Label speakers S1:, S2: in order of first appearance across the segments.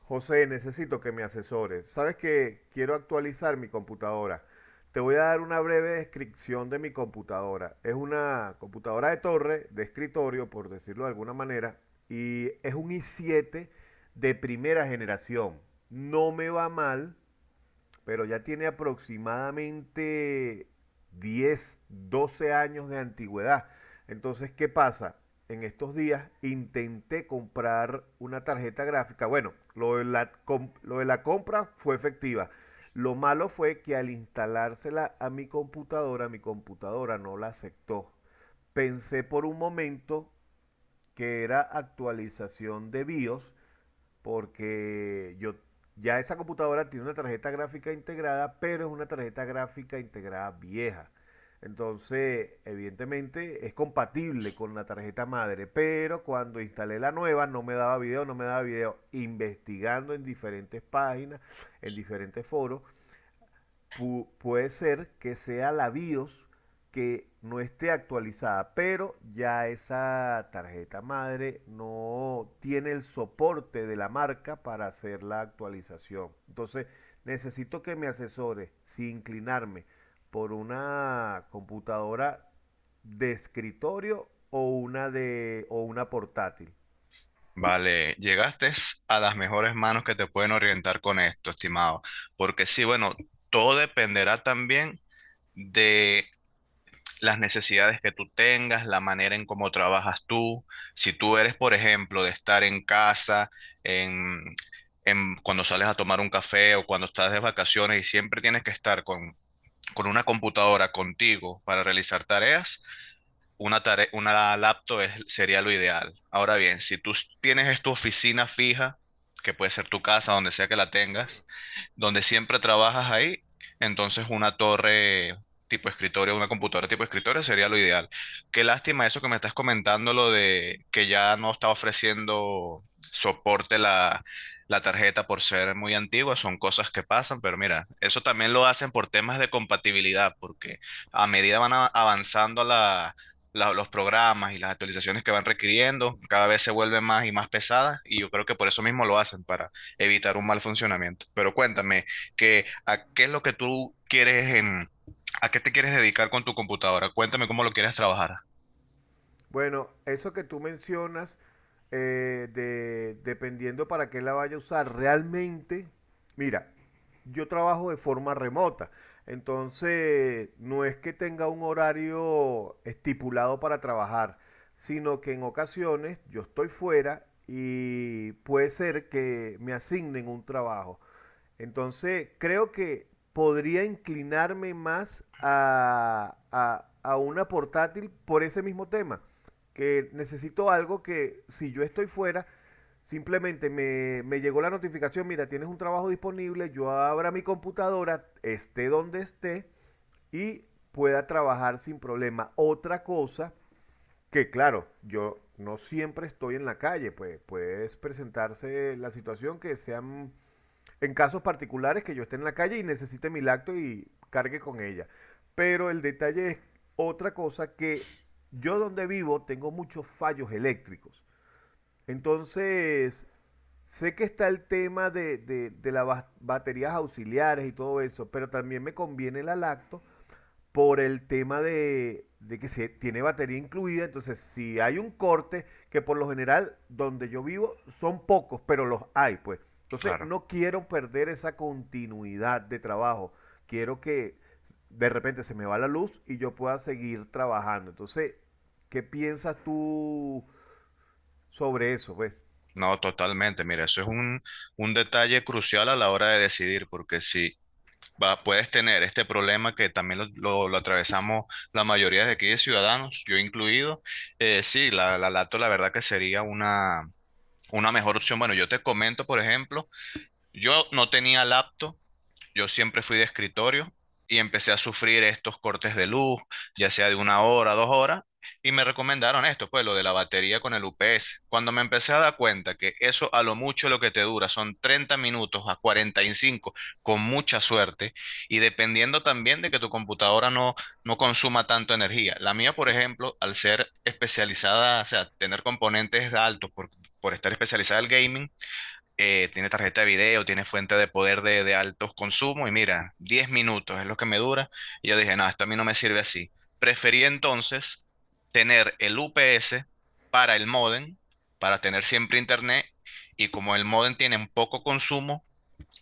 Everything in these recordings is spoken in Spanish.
S1: José, necesito que me asesores. Sabes que quiero actualizar mi computadora. Te voy a dar una breve descripción de mi computadora. Es una computadora de torre, de escritorio, por decirlo de alguna manera, y es un i7 de primera generación. No me va mal, pero ya tiene aproximadamente 10, 12 años de antigüedad. Entonces, ¿qué pasa? En estos días intenté comprar una tarjeta gráfica. Bueno, lo de la compra fue efectiva. Lo malo fue que al instalársela a mi computadora no la aceptó. Pensé por un momento que era actualización de BIOS porque yo ya esa computadora tiene una tarjeta gráfica integrada, pero es una tarjeta gráfica integrada vieja. Entonces, evidentemente es compatible con la tarjeta madre, pero cuando instalé la nueva no me daba video, no me daba video. Investigando en diferentes páginas, en diferentes foros, puede ser que sea la BIOS que no esté actualizada, pero ya esa tarjeta madre no tiene el soporte de la marca para hacer la actualización. Entonces, necesito que me asesore sin inclinarme por una computadora de escritorio o una de o una portátil.
S2: Vale, llegaste a las mejores manos que te pueden orientar con esto, estimado, porque sí, bueno, todo dependerá también de las necesidades que tú tengas, la manera en cómo trabajas tú. Si tú eres, por ejemplo, de estar en casa, en, en cuando sales a tomar un café o cuando estás de vacaciones y siempre tienes que estar con una computadora contigo para realizar tareas una laptop sería lo ideal. Ahora bien, si tienes es tu oficina fija, que puede ser tu casa, donde sea que la tengas, donde siempre trabajas ahí, entonces una torre tipo escritorio, una computadora tipo escritorio sería lo ideal. Qué lástima eso que me estás comentando, lo de que ya no está ofreciendo soporte la tarjeta por ser muy antigua, son cosas que pasan, pero mira, eso también lo hacen por temas de compatibilidad, porque a medida avanzando los programas y las actualizaciones que van requiriendo cada vez se vuelven más y más pesadas y yo creo que por eso mismo lo hacen, para evitar un mal funcionamiento. Pero cuéntame, qué ¿a qué es lo que tú quieres a qué te quieres dedicar con tu computadora? Cuéntame cómo lo quieres trabajar.
S1: Bueno, eso que tú mencionas, dependiendo para qué la vaya a usar, realmente, mira, yo trabajo de forma remota, entonces no es que tenga un horario estipulado para trabajar, sino que en ocasiones yo estoy fuera y puede ser que me asignen un trabajo. Entonces creo que podría inclinarme más a una portátil por ese mismo tema, que necesito algo que si yo estoy fuera, simplemente me llegó la notificación, mira, tienes un trabajo disponible, yo abra mi computadora, esté donde esté y pueda trabajar sin problema. Otra cosa que claro, yo no siempre estoy en la calle, pues puede presentarse la situación que sean en casos particulares que yo esté en la calle y necesite mi lacto y cargue con ella. Pero el detalle es otra cosa que yo donde vivo tengo muchos fallos eléctricos. Entonces, sé que está el tema de las baterías auxiliares y todo eso, pero también me conviene la lacto por el tema de que se tiene batería incluida, entonces si hay un corte, que por lo general donde yo vivo son pocos, pero los hay, pues. Entonces
S2: Claro.
S1: no quiero perder esa continuidad de trabajo. Quiero que de repente se me va la luz y yo pueda seguir trabajando. Entonces, ¿qué piensas tú sobre eso, pues?
S2: No, totalmente. Mira, eso es un detalle crucial a la hora de decidir, porque si va, puedes tener este problema que también lo atravesamos la mayoría de aquí de ciudadanos, yo incluido, sí, la laptop la verdad que sería una mejor opción. Bueno, yo te comento, por ejemplo, yo no tenía laptop, yo siempre fui de escritorio y empecé a sufrir estos cortes de luz, ya sea de una hora, dos horas, y me recomendaron esto, pues lo de la batería con el UPS. Cuando me empecé a dar cuenta que eso a lo mucho lo que te dura son 30 minutos a 45 con mucha suerte y dependiendo también de que tu computadora no consuma tanto energía. La mía, por ejemplo, al ser especializada, o sea, tener componentes altos por estar especializada en gaming, tiene tarjeta de video, tiene fuente de poder de altos consumos y mira, 10 minutos es lo que me dura. Y yo dije, no, esto a mí no me sirve así. Preferí entonces tener el UPS para el modem, para tener siempre internet y como el modem tiene un poco consumo,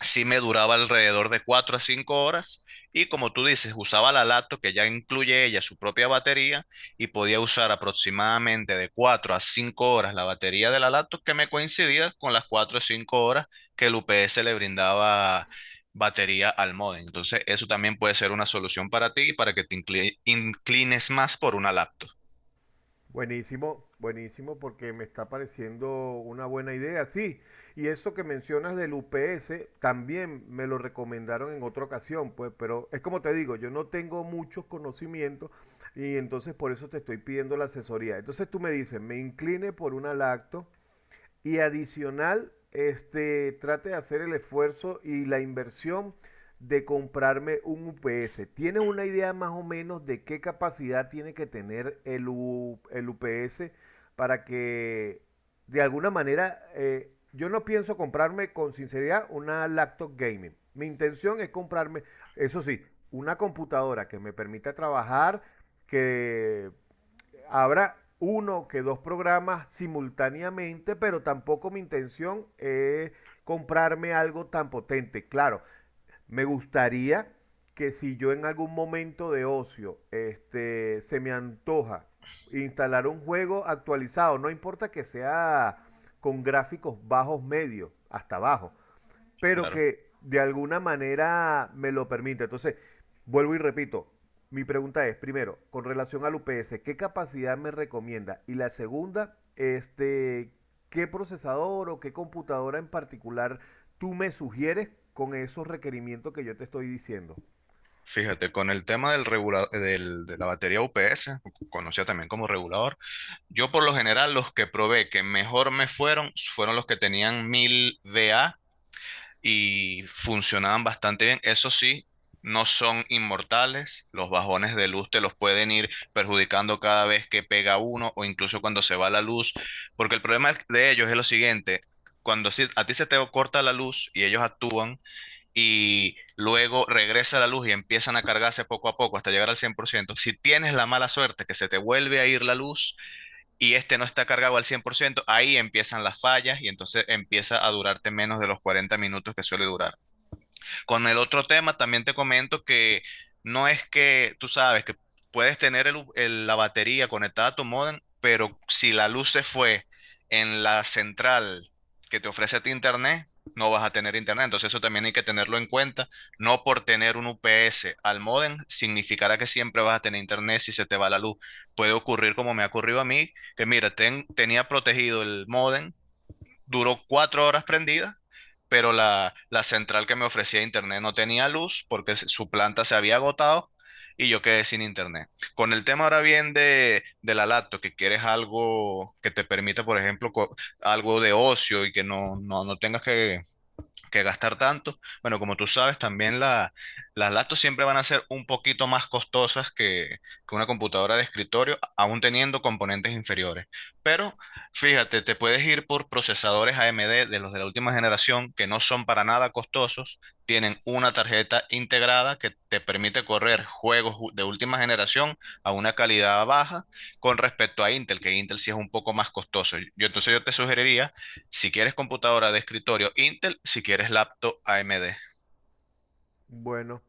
S2: sí me duraba alrededor de 4 a 5 horas y como tú dices, usaba la laptop que ya incluye ella su propia batería y podía usar aproximadamente de 4 a 5 horas la batería de la laptop que me coincidía con las 4 o 5 horas que el UPS le brindaba batería al modem. Entonces, eso también puede ser una solución para ti y para que te inclines más por una laptop,
S1: Buenísimo, buenísimo, porque me está pareciendo una buena idea, sí. Y eso que mencionas del UPS, también me lo recomendaron en otra ocasión, pues, pero es como te digo, yo no tengo muchos conocimientos y entonces por eso te estoy pidiendo la asesoría. Entonces tú me dices, me incline por una lacto, y adicional, trate de hacer el esfuerzo y la inversión de comprarme un UPS. ¿Tienes una idea más o menos de qué capacidad tiene que tener el UPS para que de alguna manera yo no pienso comprarme con sinceridad una laptop gaming. Mi intención es comprarme, eso sí, una computadora que me permita trabajar, que habrá uno que dos programas simultáneamente, pero tampoco mi intención es comprarme algo tan potente. Claro, me gustaría que si yo en algún momento de ocio se me antoja instalar un juego actualizado, no importa que sea con gráficos bajos medios, hasta abajo, pero
S2: claro.
S1: que de alguna manera me lo permite. Entonces, vuelvo y repito, mi pregunta es, primero, con relación al UPS, ¿qué capacidad me recomienda? Y la segunda, ¿qué procesador o qué computadora en particular tú me sugieres con esos requerimientos que yo te estoy diciendo?
S2: Fíjate, con el tema del de la batería UPS, conocida también como regulador, yo por lo general los que probé que mejor me fueron fueron los que tenían 1000 VA y funcionaban bastante bien. Eso sí, no son inmortales. Los bajones de luz te los pueden ir perjudicando cada vez que pega uno o incluso cuando se va la luz. Porque el problema de ellos es lo siguiente. Cuando a ti se te corta la luz y ellos actúan y luego regresa la luz y empiezan a cargarse poco a poco hasta llegar al 100%, si tienes la mala suerte que se te vuelve a ir la luz, y este no está cargado al 100%, ahí empiezan las fallas y entonces empieza a durarte menos de los 40 minutos que suele durar. Con el otro tema también te comento que no es que tú sabes que puedes tener el la batería conectada a tu modem, pero si la luz se fue en la central que te ofrece a ti internet, no vas a tener internet. Entonces eso también hay que tenerlo en cuenta. No por tener un UPS al modem significará que siempre vas a tener internet si se te va la luz. Puede ocurrir como me ha ocurrido a mí, que mira, tenía protegido el modem, duró 4 horas prendida, pero la central que me ofrecía internet no tenía luz porque su planta se había agotado y yo quedé sin internet. Con el tema ahora bien de la laptop, que quieres algo que te permita, por ejemplo, algo de ocio y que no tengas que gastar tanto. Bueno, como tú sabes, también las laptops siempre van a ser un poquito más costosas que una computadora de escritorio, aún teniendo componentes inferiores. Pero fíjate, te puedes ir por procesadores AMD de los de la última generación que no son para nada costosos, tienen una tarjeta integrada que te permite correr juegos de última generación a una calidad baja con respecto a Intel, que Intel sí es un poco más costoso. Yo entonces yo te sugeriría si quieres computadora de escritorio Intel, si quieres laptop AMD.
S1: Bueno,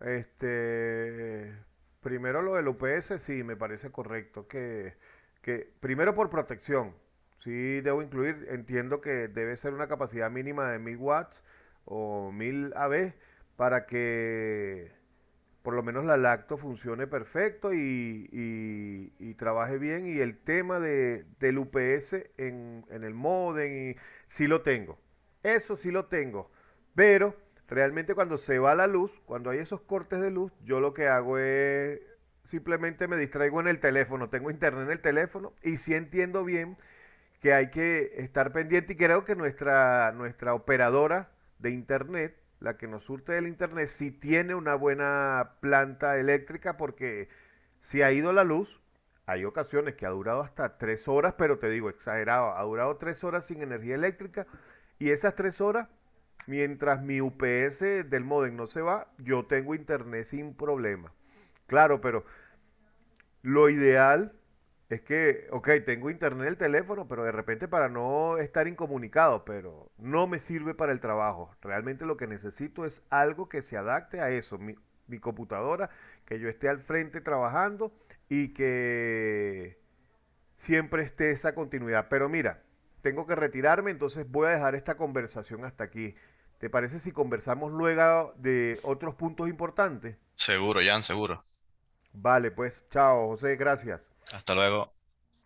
S1: este, primero lo del UPS, sí, me parece correcto que primero por protección, sí debo incluir, entiendo que debe ser una capacidad mínima de 1000 watts o 1000 AB para que por lo menos la lacto funcione perfecto y trabaje bien. Y el tema del UPS en, el modem, y, sí lo tengo. Eso sí lo tengo. Pero realmente cuando se va la luz, cuando hay esos cortes de luz, yo lo que hago es simplemente me distraigo en el teléfono. Tengo internet en el teléfono y sí entiendo bien que hay que estar pendiente y creo que nuestra operadora de internet, la que nos surte del internet, sí tiene una buena planta eléctrica porque si ha ido la luz, hay ocasiones que ha durado hasta 3 horas, pero te digo, exagerado, ha durado 3 horas sin energía eléctrica y esas 3 horas, mientras mi UPS del modem no se va, yo tengo internet sin problema. Claro, pero lo ideal es que, ok, tengo internet en el teléfono, pero de repente para no estar incomunicado, pero no me sirve para el trabajo. Realmente lo que necesito es algo que se adapte a eso, mi computadora, que yo esté al frente trabajando y que siempre esté esa continuidad. Pero mira, tengo que retirarme, entonces voy a dejar esta conversación hasta aquí. ¿Te parece si conversamos luego de otros puntos importantes?
S2: Seguro, Jan, seguro.
S1: Vale, pues chao, José, gracias.
S2: Hasta luego.